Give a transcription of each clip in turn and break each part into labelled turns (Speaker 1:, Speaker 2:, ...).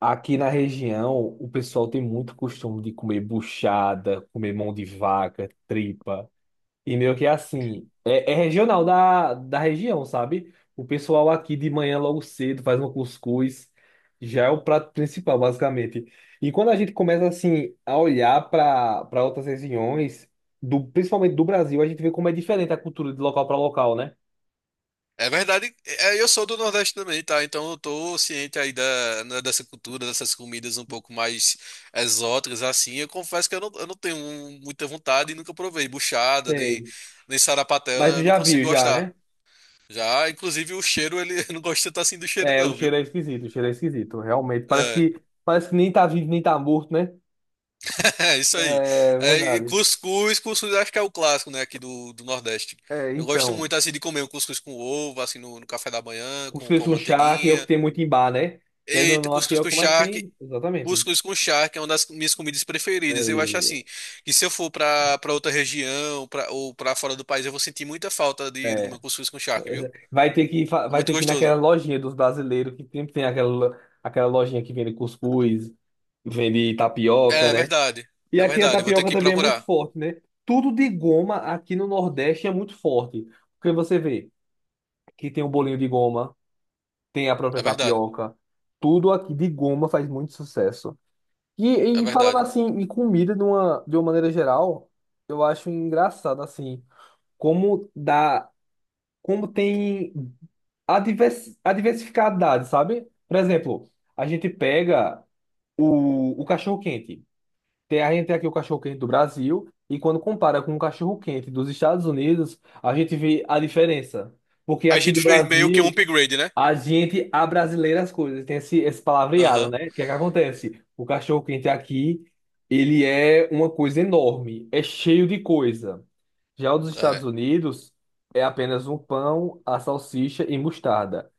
Speaker 1: Aqui na região, o pessoal tem muito costume de comer buchada, comer mão de vaca, tripa. E meio que assim, é regional da região, sabe? O pessoal aqui de manhã logo cedo faz um cuscuz, já é o prato principal, basicamente. E quando a gente começa assim a olhar para outras regiões, do, principalmente do Brasil, a gente vê como é diferente a cultura de local para local, né?
Speaker 2: É verdade, eu sou do Nordeste também, tá? Então eu tô ciente aí dessa cultura, dessas comidas um pouco mais exóticas, assim. Eu confesso que eu não tenho muita vontade e nunca provei buchada,
Speaker 1: Sei.
Speaker 2: nem sarapatel,
Speaker 1: Mas
Speaker 2: né?
Speaker 1: tu
Speaker 2: Eu não
Speaker 1: já viu
Speaker 2: consigo
Speaker 1: já,
Speaker 2: gostar.
Speaker 1: né?
Speaker 2: Já, inclusive, o cheiro, ele eu não gosta tanto assim do cheiro,
Speaker 1: É, o
Speaker 2: não, viu?
Speaker 1: cheiro é esquisito, o cheiro é esquisito, realmente.
Speaker 2: É,
Speaker 1: Parece que nem tá vivo, nem tá morto, né?
Speaker 2: é isso aí.
Speaker 1: É
Speaker 2: E
Speaker 1: verdade.
Speaker 2: cuscuz acho que é o clássico, né, aqui do Nordeste.
Speaker 1: É,
Speaker 2: Eu gosto
Speaker 1: então,
Speaker 2: muito, assim, de comer um cuscuz com ovo, assim, no café da manhã,
Speaker 1: cuscuz
Speaker 2: com a
Speaker 1: com chá, que é o que
Speaker 2: manteiguinha.
Speaker 1: tem muito em bar, né? Querendo ou
Speaker 2: Eita,
Speaker 1: não, aqui é
Speaker 2: cuscuz
Speaker 1: o
Speaker 2: com
Speaker 1: que mais
Speaker 2: charque.
Speaker 1: tem, exatamente.
Speaker 2: Cuscuz com charque é uma das minhas comidas preferidas. Eu acho
Speaker 1: É,
Speaker 2: assim, que se eu for pra para outra região, ou pra fora do país, eu vou sentir muita falta de
Speaker 1: é.
Speaker 2: comer cuscuz com charque, viu?
Speaker 1: Vai ter
Speaker 2: É
Speaker 1: vai
Speaker 2: muito
Speaker 1: ter que ir naquela
Speaker 2: gostoso.
Speaker 1: lojinha dos brasileiros, que sempre tem aquela lojinha que vende cuscuz, vende tapioca,
Speaker 2: É
Speaker 1: né?
Speaker 2: verdade.
Speaker 1: E
Speaker 2: É
Speaker 1: aqui a
Speaker 2: verdade. Eu vou ter
Speaker 1: tapioca
Speaker 2: que
Speaker 1: também é muito
Speaker 2: procurar.
Speaker 1: forte, né? Tudo de goma aqui no Nordeste é muito forte. Porque você vê que tem o bolinho de goma. Tem a própria
Speaker 2: É verdade.
Speaker 1: tapioca. Tudo aqui de goma faz muito sucesso.
Speaker 2: É
Speaker 1: E falando
Speaker 2: verdade.
Speaker 1: assim, em comida de uma maneira geral, eu acho engraçado assim, como dá, como tem a diversificadade, sabe? Por exemplo, a gente pega o cachorro-quente. Tem, a gente tem aqui o cachorro-quente do Brasil, e quando compara com o cachorro-quente dos Estados Unidos, a gente vê a diferença. Porque
Speaker 2: A
Speaker 1: aqui do
Speaker 2: gente fez meio que um
Speaker 1: Brasil.
Speaker 2: upgrade, né?
Speaker 1: A gente abrasileira as coisas, tem esse, esse palavreado,
Speaker 2: Aham.
Speaker 1: né? O que é que acontece? O cachorro quente aqui, ele é uma coisa enorme, é cheio de coisa. Já o dos Estados
Speaker 2: É.
Speaker 1: Unidos é apenas um pão, a salsicha e mostarda.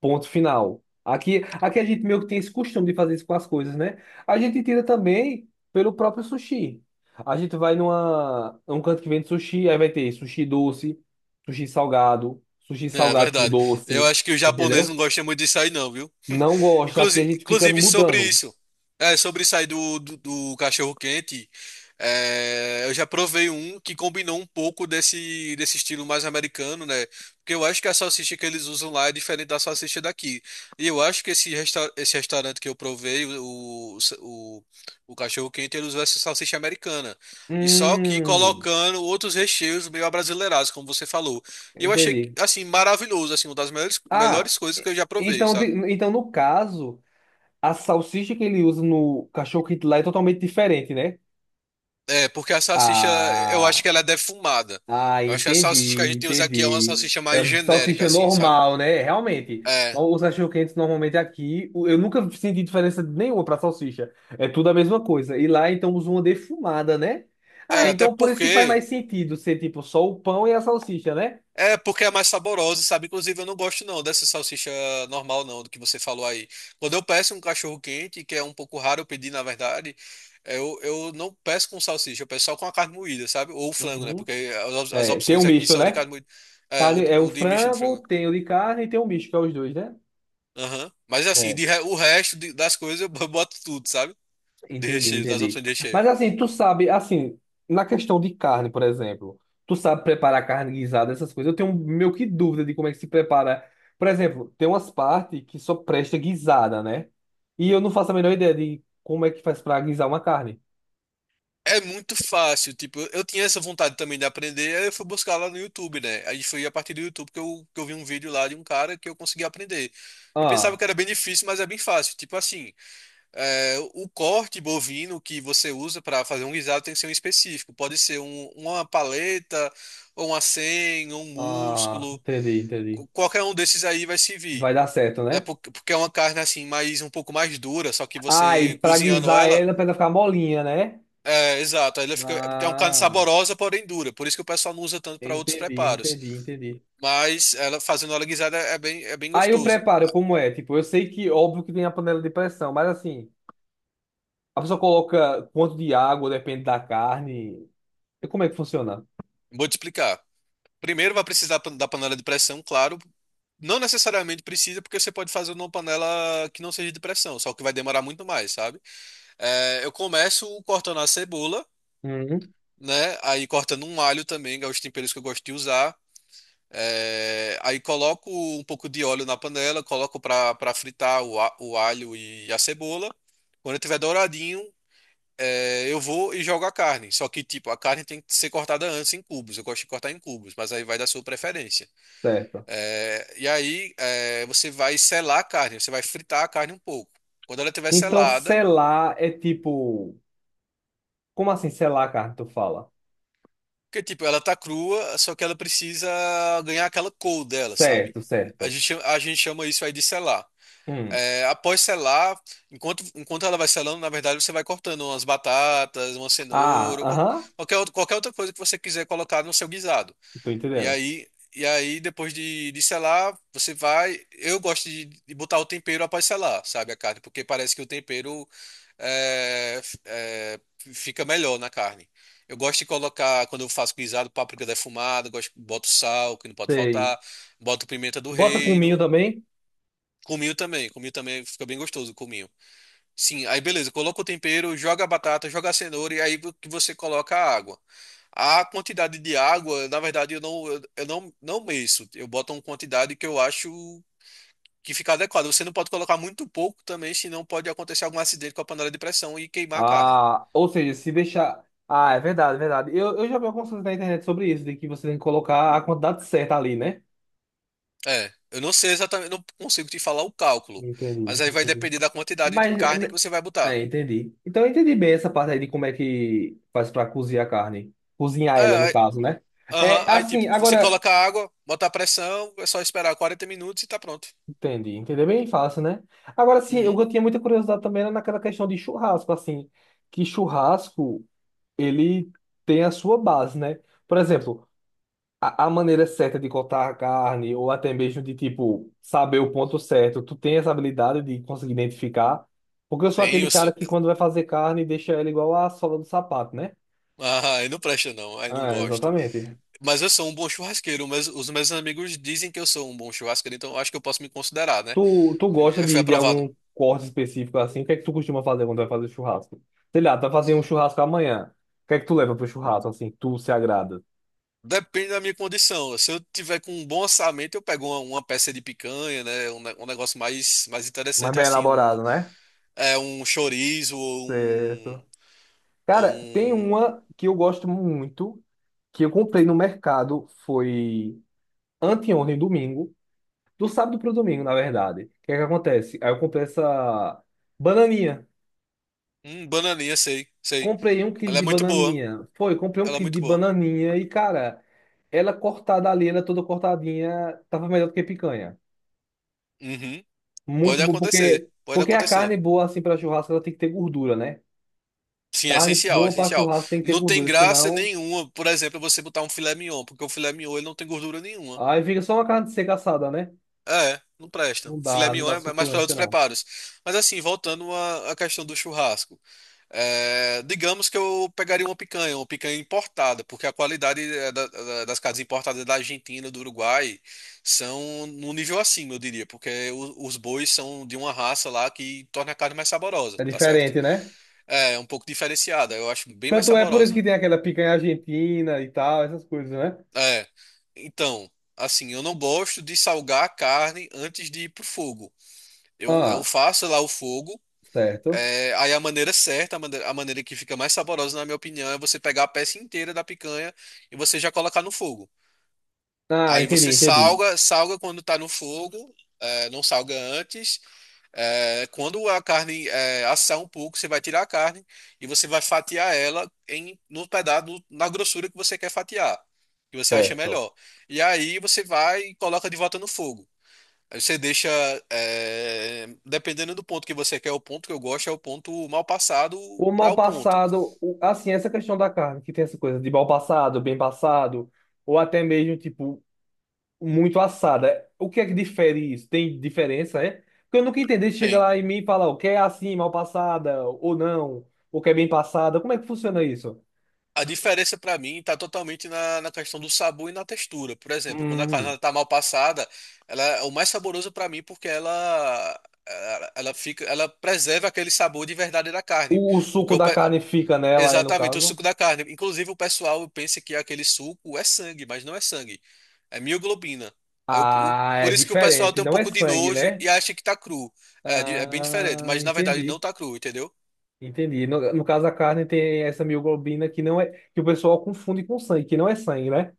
Speaker 1: Ponto final. Aqui, aqui a gente meio que tem esse costume de fazer isso com as coisas, né? A gente tira também pelo próprio sushi. A gente vai numa, num canto que vende sushi, aí vai ter sushi doce, sushi
Speaker 2: É
Speaker 1: salgado com
Speaker 2: verdade. Eu
Speaker 1: doce,
Speaker 2: acho que o japonês não
Speaker 1: entendeu?
Speaker 2: gosta muito disso aí, não, viu?
Speaker 1: Não gosto. Aqui a
Speaker 2: Inclusive,
Speaker 1: gente fica
Speaker 2: inclusive sobre
Speaker 1: mudando.
Speaker 2: isso, sobre isso aí do cachorro quente, eu já provei um que combinou um pouco desse estilo mais americano, né? Porque eu acho que a salsicha que eles usam lá é diferente da salsicha daqui. E eu acho que esse, resta esse restaurante que eu provei, o cachorro quente, ele usou essa salsicha americana. E só que
Speaker 1: Hum,
Speaker 2: colocando outros recheios meio abrasileirados, como você falou. E eu achei,
Speaker 1: entendi.
Speaker 2: assim, maravilhoso, assim, uma das
Speaker 1: Ah,
Speaker 2: melhores coisas
Speaker 1: e-
Speaker 2: que eu já provei,
Speaker 1: então,
Speaker 2: sabe?
Speaker 1: então no caso, a salsicha que ele usa no cachorro quente lá é totalmente diferente, né?
Speaker 2: É, eu acho
Speaker 1: Ah,
Speaker 2: que ela é defumada.
Speaker 1: ah,
Speaker 2: Eu acho que a salsicha que a
Speaker 1: entendi,
Speaker 2: gente usa aqui é uma
Speaker 1: entendi.
Speaker 2: salsicha mais
Speaker 1: É
Speaker 2: genérica,
Speaker 1: salsicha
Speaker 2: assim, sabe?
Speaker 1: normal, né? Realmente.
Speaker 2: É.
Speaker 1: Os cachorro quentes normalmente aqui, eu nunca senti diferença nenhuma para salsicha. É tudo a mesma coisa. E lá então usa uma defumada, né? Ah,
Speaker 2: É, até
Speaker 1: então por isso que faz
Speaker 2: porque.
Speaker 1: mais sentido ser tipo só o pão e a salsicha, né?
Speaker 2: É, porque é mais saborosa, sabe? Inclusive, eu não gosto não dessa salsicha normal, não, do que você falou aí. Quando eu peço um cachorro quente, que é um pouco raro eu pedir, na verdade, eu não peço com salsicha, eu peço só com a carne moída, sabe? Ou frango, né?
Speaker 1: Uhum.
Speaker 2: Porque as
Speaker 1: É, tem um
Speaker 2: opções aqui
Speaker 1: misto,
Speaker 2: são de
Speaker 1: né?
Speaker 2: carne moída. É,
Speaker 1: Carne, é o
Speaker 2: o de misto de
Speaker 1: frango,
Speaker 2: frango.
Speaker 1: tem o de carne e tem o misto, que é os dois, né?
Speaker 2: Aham. Mas assim,
Speaker 1: É.
Speaker 2: o resto das coisas eu boto tudo, sabe? De
Speaker 1: Entendi,
Speaker 2: recheio, das
Speaker 1: entendi.
Speaker 2: opções de recheio.
Speaker 1: Mas assim, tu sabe, assim, na questão de carne, por exemplo, tu sabe preparar carne guisada, essas coisas. Eu tenho meio que dúvida de como é que se prepara. Por exemplo, tem umas partes que só presta guisada, né? E eu não faço a menor ideia de como é que faz pra guisar uma carne.
Speaker 2: É muito fácil, tipo, eu tinha essa vontade também de aprender, aí eu fui buscar lá no YouTube, né? Aí foi a partir do YouTube que eu vi um vídeo lá de um cara que eu consegui aprender. Eu pensava
Speaker 1: Ah,
Speaker 2: que era bem difícil, mas é bem fácil. Tipo assim, o corte bovino que você usa para fazer um guisado tem que ser um específico. Pode ser uma paleta, ou uma senha, ou um
Speaker 1: ah,
Speaker 2: músculo.
Speaker 1: entendi, entendi.
Speaker 2: Qualquer um desses aí vai servir.
Speaker 1: Vai dar certo,
Speaker 2: Né?
Speaker 1: né?
Speaker 2: Porque é uma carne assim, mais um pouco mais dura, só que
Speaker 1: Ah,
Speaker 2: você
Speaker 1: e pra
Speaker 2: cozinhando
Speaker 1: guisar
Speaker 2: ela.
Speaker 1: ela, pra ela ficar molinha, né?
Speaker 2: É, exato. É uma carne
Speaker 1: Ah,
Speaker 2: saborosa, porém dura. Por isso que o pessoal não usa tanto para outros
Speaker 1: entendi,
Speaker 2: preparos.
Speaker 1: entendi, entendi.
Speaker 2: Mas ela fazendo ela guisada é bem, é bem
Speaker 1: Aí o
Speaker 2: gostoso.
Speaker 1: preparo, como é? Tipo, eu sei que óbvio que tem a panela de pressão, mas assim, a pessoa coloca quanto de água, depende da carne. E como é que funciona?
Speaker 2: Vou te explicar. Primeiro vai precisar da panela de pressão, claro. Não necessariamente precisa, porque você pode fazer numa panela que não seja de pressão, só que vai demorar muito mais, sabe? É, eu começo cortando a cebola,
Speaker 1: Uhum.
Speaker 2: né? Aí cortando um alho também, que é os temperos que eu gosto de usar. Aí coloco um pouco de óleo na panela, coloco para fritar o alho e a cebola. Quando tiver douradinho, eu vou e jogo a carne. Só que, tipo, a carne tem que ser cortada antes em cubos. Eu gosto de cortar em cubos, mas aí vai da sua preferência.
Speaker 1: Certo.
Speaker 2: E aí, você vai selar a carne, você vai fritar a carne um pouco. Quando ela estiver
Speaker 1: Então,
Speaker 2: selada,
Speaker 1: selar é tipo. Como assim selar a carne, tu fala?
Speaker 2: porque, tipo, ela tá crua, só que ela precisa ganhar aquela cor dela, sabe?
Speaker 1: Certo,
Speaker 2: A
Speaker 1: certo.
Speaker 2: gente, chama- a gente chama isso aí de selar.
Speaker 1: Hum.
Speaker 2: É, após selar, enquanto ela vai selando, na verdade você vai cortando umas batatas, uma
Speaker 1: Ah,
Speaker 2: cenoura,
Speaker 1: aham.
Speaker 2: qualquer, qualquer outra coisa que você quiser colocar no seu guisado.
Speaker 1: Tô
Speaker 2: E
Speaker 1: entendendo.
Speaker 2: aí, e aí depois de selar, você vai. Eu gosto de botar o tempero após selar, sabe, a carne, porque parece que o tempero é, f- é, fica melhor na carne. Eu gosto de colocar, quando eu faço guisado, páprica defumada, gosto, boto sal, que não pode
Speaker 1: Sei.
Speaker 2: faltar, boto pimenta do
Speaker 1: Bota cominho
Speaker 2: reino.
Speaker 1: também?
Speaker 2: Cominho também fica bem gostoso, cominho. Sim, aí beleza, coloca o tempero, joga a batata, joga a cenoura e aí vo- que você coloca a água. A quantidade de água, na verdade, eu não, não meço. Eu boto uma quantidade que eu acho que fica adequada. Você não pode colocar muito pouco também, senão pode acontecer algum acidente com a panela de pressão e queimar a carne.
Speaker 1: Ah, ou seja, se deixar. Ah, é verdade, é verdade. Eu já vi algumas coisas na internet sobre isso, de que você tem que colocar a quantidade certa ali, né?
Speaker 2: É, eu não sei exatamente, não consigo te falar o cálculo,
Speaker 1: Entendi,
Speaker 2: mas aí vai
Speaker 1: entendi.
Speaker 2: depender da quantidade de
Speaker 1: Mas.
Speaker 2: carne que
Speaker 1: né,
Speaker 2: você vai botar.
Speaker 1: É, entendi. Então eu entendi bem essa parte aí de como é que faz pra cozinhar a carne. Cozinhar ela, no
Speaker 2: É,
Speaker 1: caso, né?
Speaker 2: aham,
Speaker 1: É
Speaker 2: aí
Speaker 1: assim,
Speaker 2: tipo, você
Speaker 1: agora.
Speaker 2: coloca a água, bota a pressão, é só esperar 40 minutos e tá pronto.
Speaker 1: Entendi, entender bem fácil, né? Agora sim,
Speaker 2: Uhum.
Speaker 1: eu tinha muita curiosidade também era naquela questão de churrasco, assim. Que churrasco, ele tem a sua base, né? Por exemplo. A maneira certa de cortar a carne, ou até mesmo de, tipo, saber o ponto certo. Tu tem essa habilidade de conseguir identificar? Porque eu sou
Speaker 2: Tem
Speaker 1: aquele
Speaker 2: os.
Speaker 1: cara que quando vai fazer carne, deixa ela igual a sola do sapato, né?
Speaker 2: Ah, aí não presta não, aí não
Speaker 1: Ah,
Speaker 2: gosto.
Speaker 1: exatamente.
Speaker 2: Mas os meus amigos dizem que eu sou um bom churrasqueiro, então eu acho que eu posso me considerar, né?
Speaker 1: Tu gosta
Speaker 2: Foi
Speaker 1: de
Speaker 2: aprovado.
Speaker 1: algum corte específico assim? O que é que tu costuma fazer quando vai fazer churrasco? Sei lá, tu vai fazer um churrasco amanhã. O que é que tu leva pro churrasco, assim, que tu se agrada?
Speaker 2: Depende da minha condição. Se eu tiver com um bom orçamento, eu pego uma peça de picanha, né? Um negócio mais
Speaker 1: Mais
Speaker 2: interessante
Speaker 1: bem
Speaker 2: assim,
Speaker 1: elaborado, né?
Speaker 2: um chorizo ou um,
Speaker 1: Certo.
Speaker 2: ou
Speaker 1: Cara, tem
Speaker 2: um,
Speaker 1: uma que eu gosto muito, que eu comprei no mercado, foi anteontem, domingo, do sábado pro domingo, na verdade. O que é que acontece? Aí eu comprei essa bananinha.
Speaker 2: um bananinha, sei, sei.
Speaker 1: Comprei um quilo
Speaker 2: Ela é
Speaker 1: de
Speaker 2: muito boa.
Speaker 1: bananinha. Foi, comprei um
Speaker 2: Ela é
Speaker 1: quilo
Speaker 2: muito
Speaker 1: de
Speaker 2: boa.
Speaker 1: bananinha e, cara, ela cortada ali, ela é toda cortadinha, tava melhor do que picanha.
Speaker 2: Uhum.
Speaker 1: Muito
Speaker 2: Pode
Speaker 1: bom,
Speaker 2: acontecer,
Speaker 1: porque,
Speaker 2: pode
Speaker 1: porque a
Speaker 2: acontecer.
Speaker 1: carne boa, assim, pra churrasco, ela tem que ter gordura, né?
Speaker 2: Sim, é
Speaker 1: Carne
Speaker 2: essencial, é
Speaker 1: boa pra
Speaker 2: essencial.
Speaker 1: churrasco tem que ter
Speaker 2: Não tem
Speaker 1: gordura,
Speaker 2: graça
Speaker 1: senão...
Speaker 2: nenhuma, por exemplo, você botar um filé mignon, porque o filé mignon ele não tem gordura nenhuma.
Speaker 1: Aí fica só uma carne seca assada, né?
Speaker 2: É, não presta.
Speaker 1: Não
Speaker 2: Filé
Speaker 1: dá, não
Speaker 2: mignon
Speaker 1: dá
Speaker 2: é mais para
Speaker 1: suculência,
Speaker 2: outros
Speaker 1: não.
Speaker 2: preparos. Mas assim, voltando à questão do churrasco, é, digamos que eu pegaria uma picanha importada, porque a qualidade é, das carnes importadas da Argentina, do Uruguai, são num nível acima, eu diria, porque os bois são de uma raça lá que torna a carne mais saborosa,
Speaker 1: É
Speaker 2: tá certo?
Speaker 1: diferente, né?
Speaker 2: É, é um pouco diferenciada, eu acho bem mais
Speaker 1: Tanto é por isso
Speaker 2: saborosa.
Speaker 1: que tem aquela picanha argentina e tal, essas coisas, né?
Speaker 2: É. Então, assim, eu não gosto de salgar a carne antes de ir pro fogo. Eu
Speaker 1: Ah,
Speaker 2: faço lá o fogo,
Speaker 1: certo.
Speaker 2: é, aí a maneira certa, a maneira que fica mais saborosa, na minha opinião, é você pegar a peça inteira da picanha e você já colocar no fogo.
Speaker 1: Ah,
Speaker 2: Aí
Speaker 1: entendi,
Speaker 2: você
Speaker 1: entendi.
Speaker 2: salga, salga quando tá no fogo, é, não salga antes. É, quando a carne é, assar um pouco, você vai tirar a carne e você vai fatiar ela em no pedaço, no- na grossura que você quer fatiar, que você acha
Speaker 1: Certo.
Speaker 2: melhor. E aí você vai e coloca de volta no fogo. Aí você deixa, é, dependendo do ponto que você quer, o ponto que eu gosto é o ponto mal passado
Speaker 1: O
Speaker 2: para
Speaker 1: mal
Speaker 2: o ponto.
Speaker 1: passado, assim, essa questão da carne, que tem essa coisa de mal passado, bem passado, ou até mesmo, tipo, muito assada. O que é que difere isso? Tem diferença, é? Porque eu nunca entendi, chega
Speaker 2: Tem.
Speaker 1: lá em mim e fala, o que é assim, mal passada, ou não, o que é bem passada. Como é que funciona isso?
Speaker 2: A diferença para mim está totalmente na questão do sabor e na textura. Por exemplo, quando a carne está mal passada, ela é o mais saboroso para mim porque ela preserva aquele sabor de verdade da carne.
Speaker 1: O
Speaker 2: Porque
Speaker 1: suco
Speaker 2: o
Speaker 1: da
Speaker 2: pe-
Speaker 1: carne fica nela, é no
Speaker 2: Exatamente o
Speaker 1: caso?
Speaker 2: suco da carne. Inclusive o pessoal pensa que aquele suco é sangue, mas não é sangue, é mioglobina.
Speaker 1: Ah,
Speaker 2: Por
Speaker 1: é
Speaker 2: isso que o pessoal
Speaker 1: diferente,
Speaker 2: tem um
Speaker 1: não é
Speaker 2: pouco de
Speaker 1: sangue,
Speaker 2: nojo
Speaker 1: né?
Speaker 2: e acha que tá cru. É bem diferente,
Speaker 1: Ah,
Speaker 2: mas na verdade não
Speaker 1: entendi.
Speaker 2: tá cru, entendeu?
Speaker 1: Entendi. No, no caso, a carne tem essa mioglobina que não é, que o pessoal confunde com sangue, que não é sangue, né?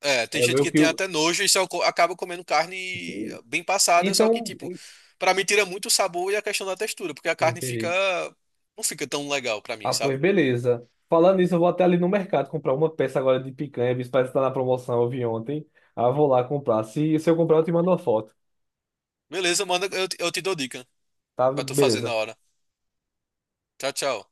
Speaker 2: É, tem
Speaker 1: É
Speaker 2: gente
Speaker 1: meio
Speaker 2: que
Speaker 1: que
Speaker 2: tem
Speaker 1: o.
Speaker 2: até nojo e só acaba comendo carne bem passada, só que,
Speaker 1: Então,
Speaker 2: tipo,
Speaker 1: en-
Speaker 2: pra mim tira muito o sabor e a questão da textura, porque a carne fica.
Speaker 1: entendi.
Speaker 2: Não fica tão legal pra mim,
Speaker 1: Ah, pois
Speaker 2: sabe?
Speaker 1: beleza. Falando nisso, eu vou até ali no mercado comprar uma peça agora de picanha, visto que parece que tá na promoção, eu vi ontem. Ah, eu vou lá comprar. Se eu comprar, eu te mando uma foto.
Speaker 2: Beleza, manda, eu te dou dica
Speaker 1: Tá?
Speaker 2: pra tu fazer na
Speaker 1: Beleza.
Speaker 2: hora. Tchau, tchau.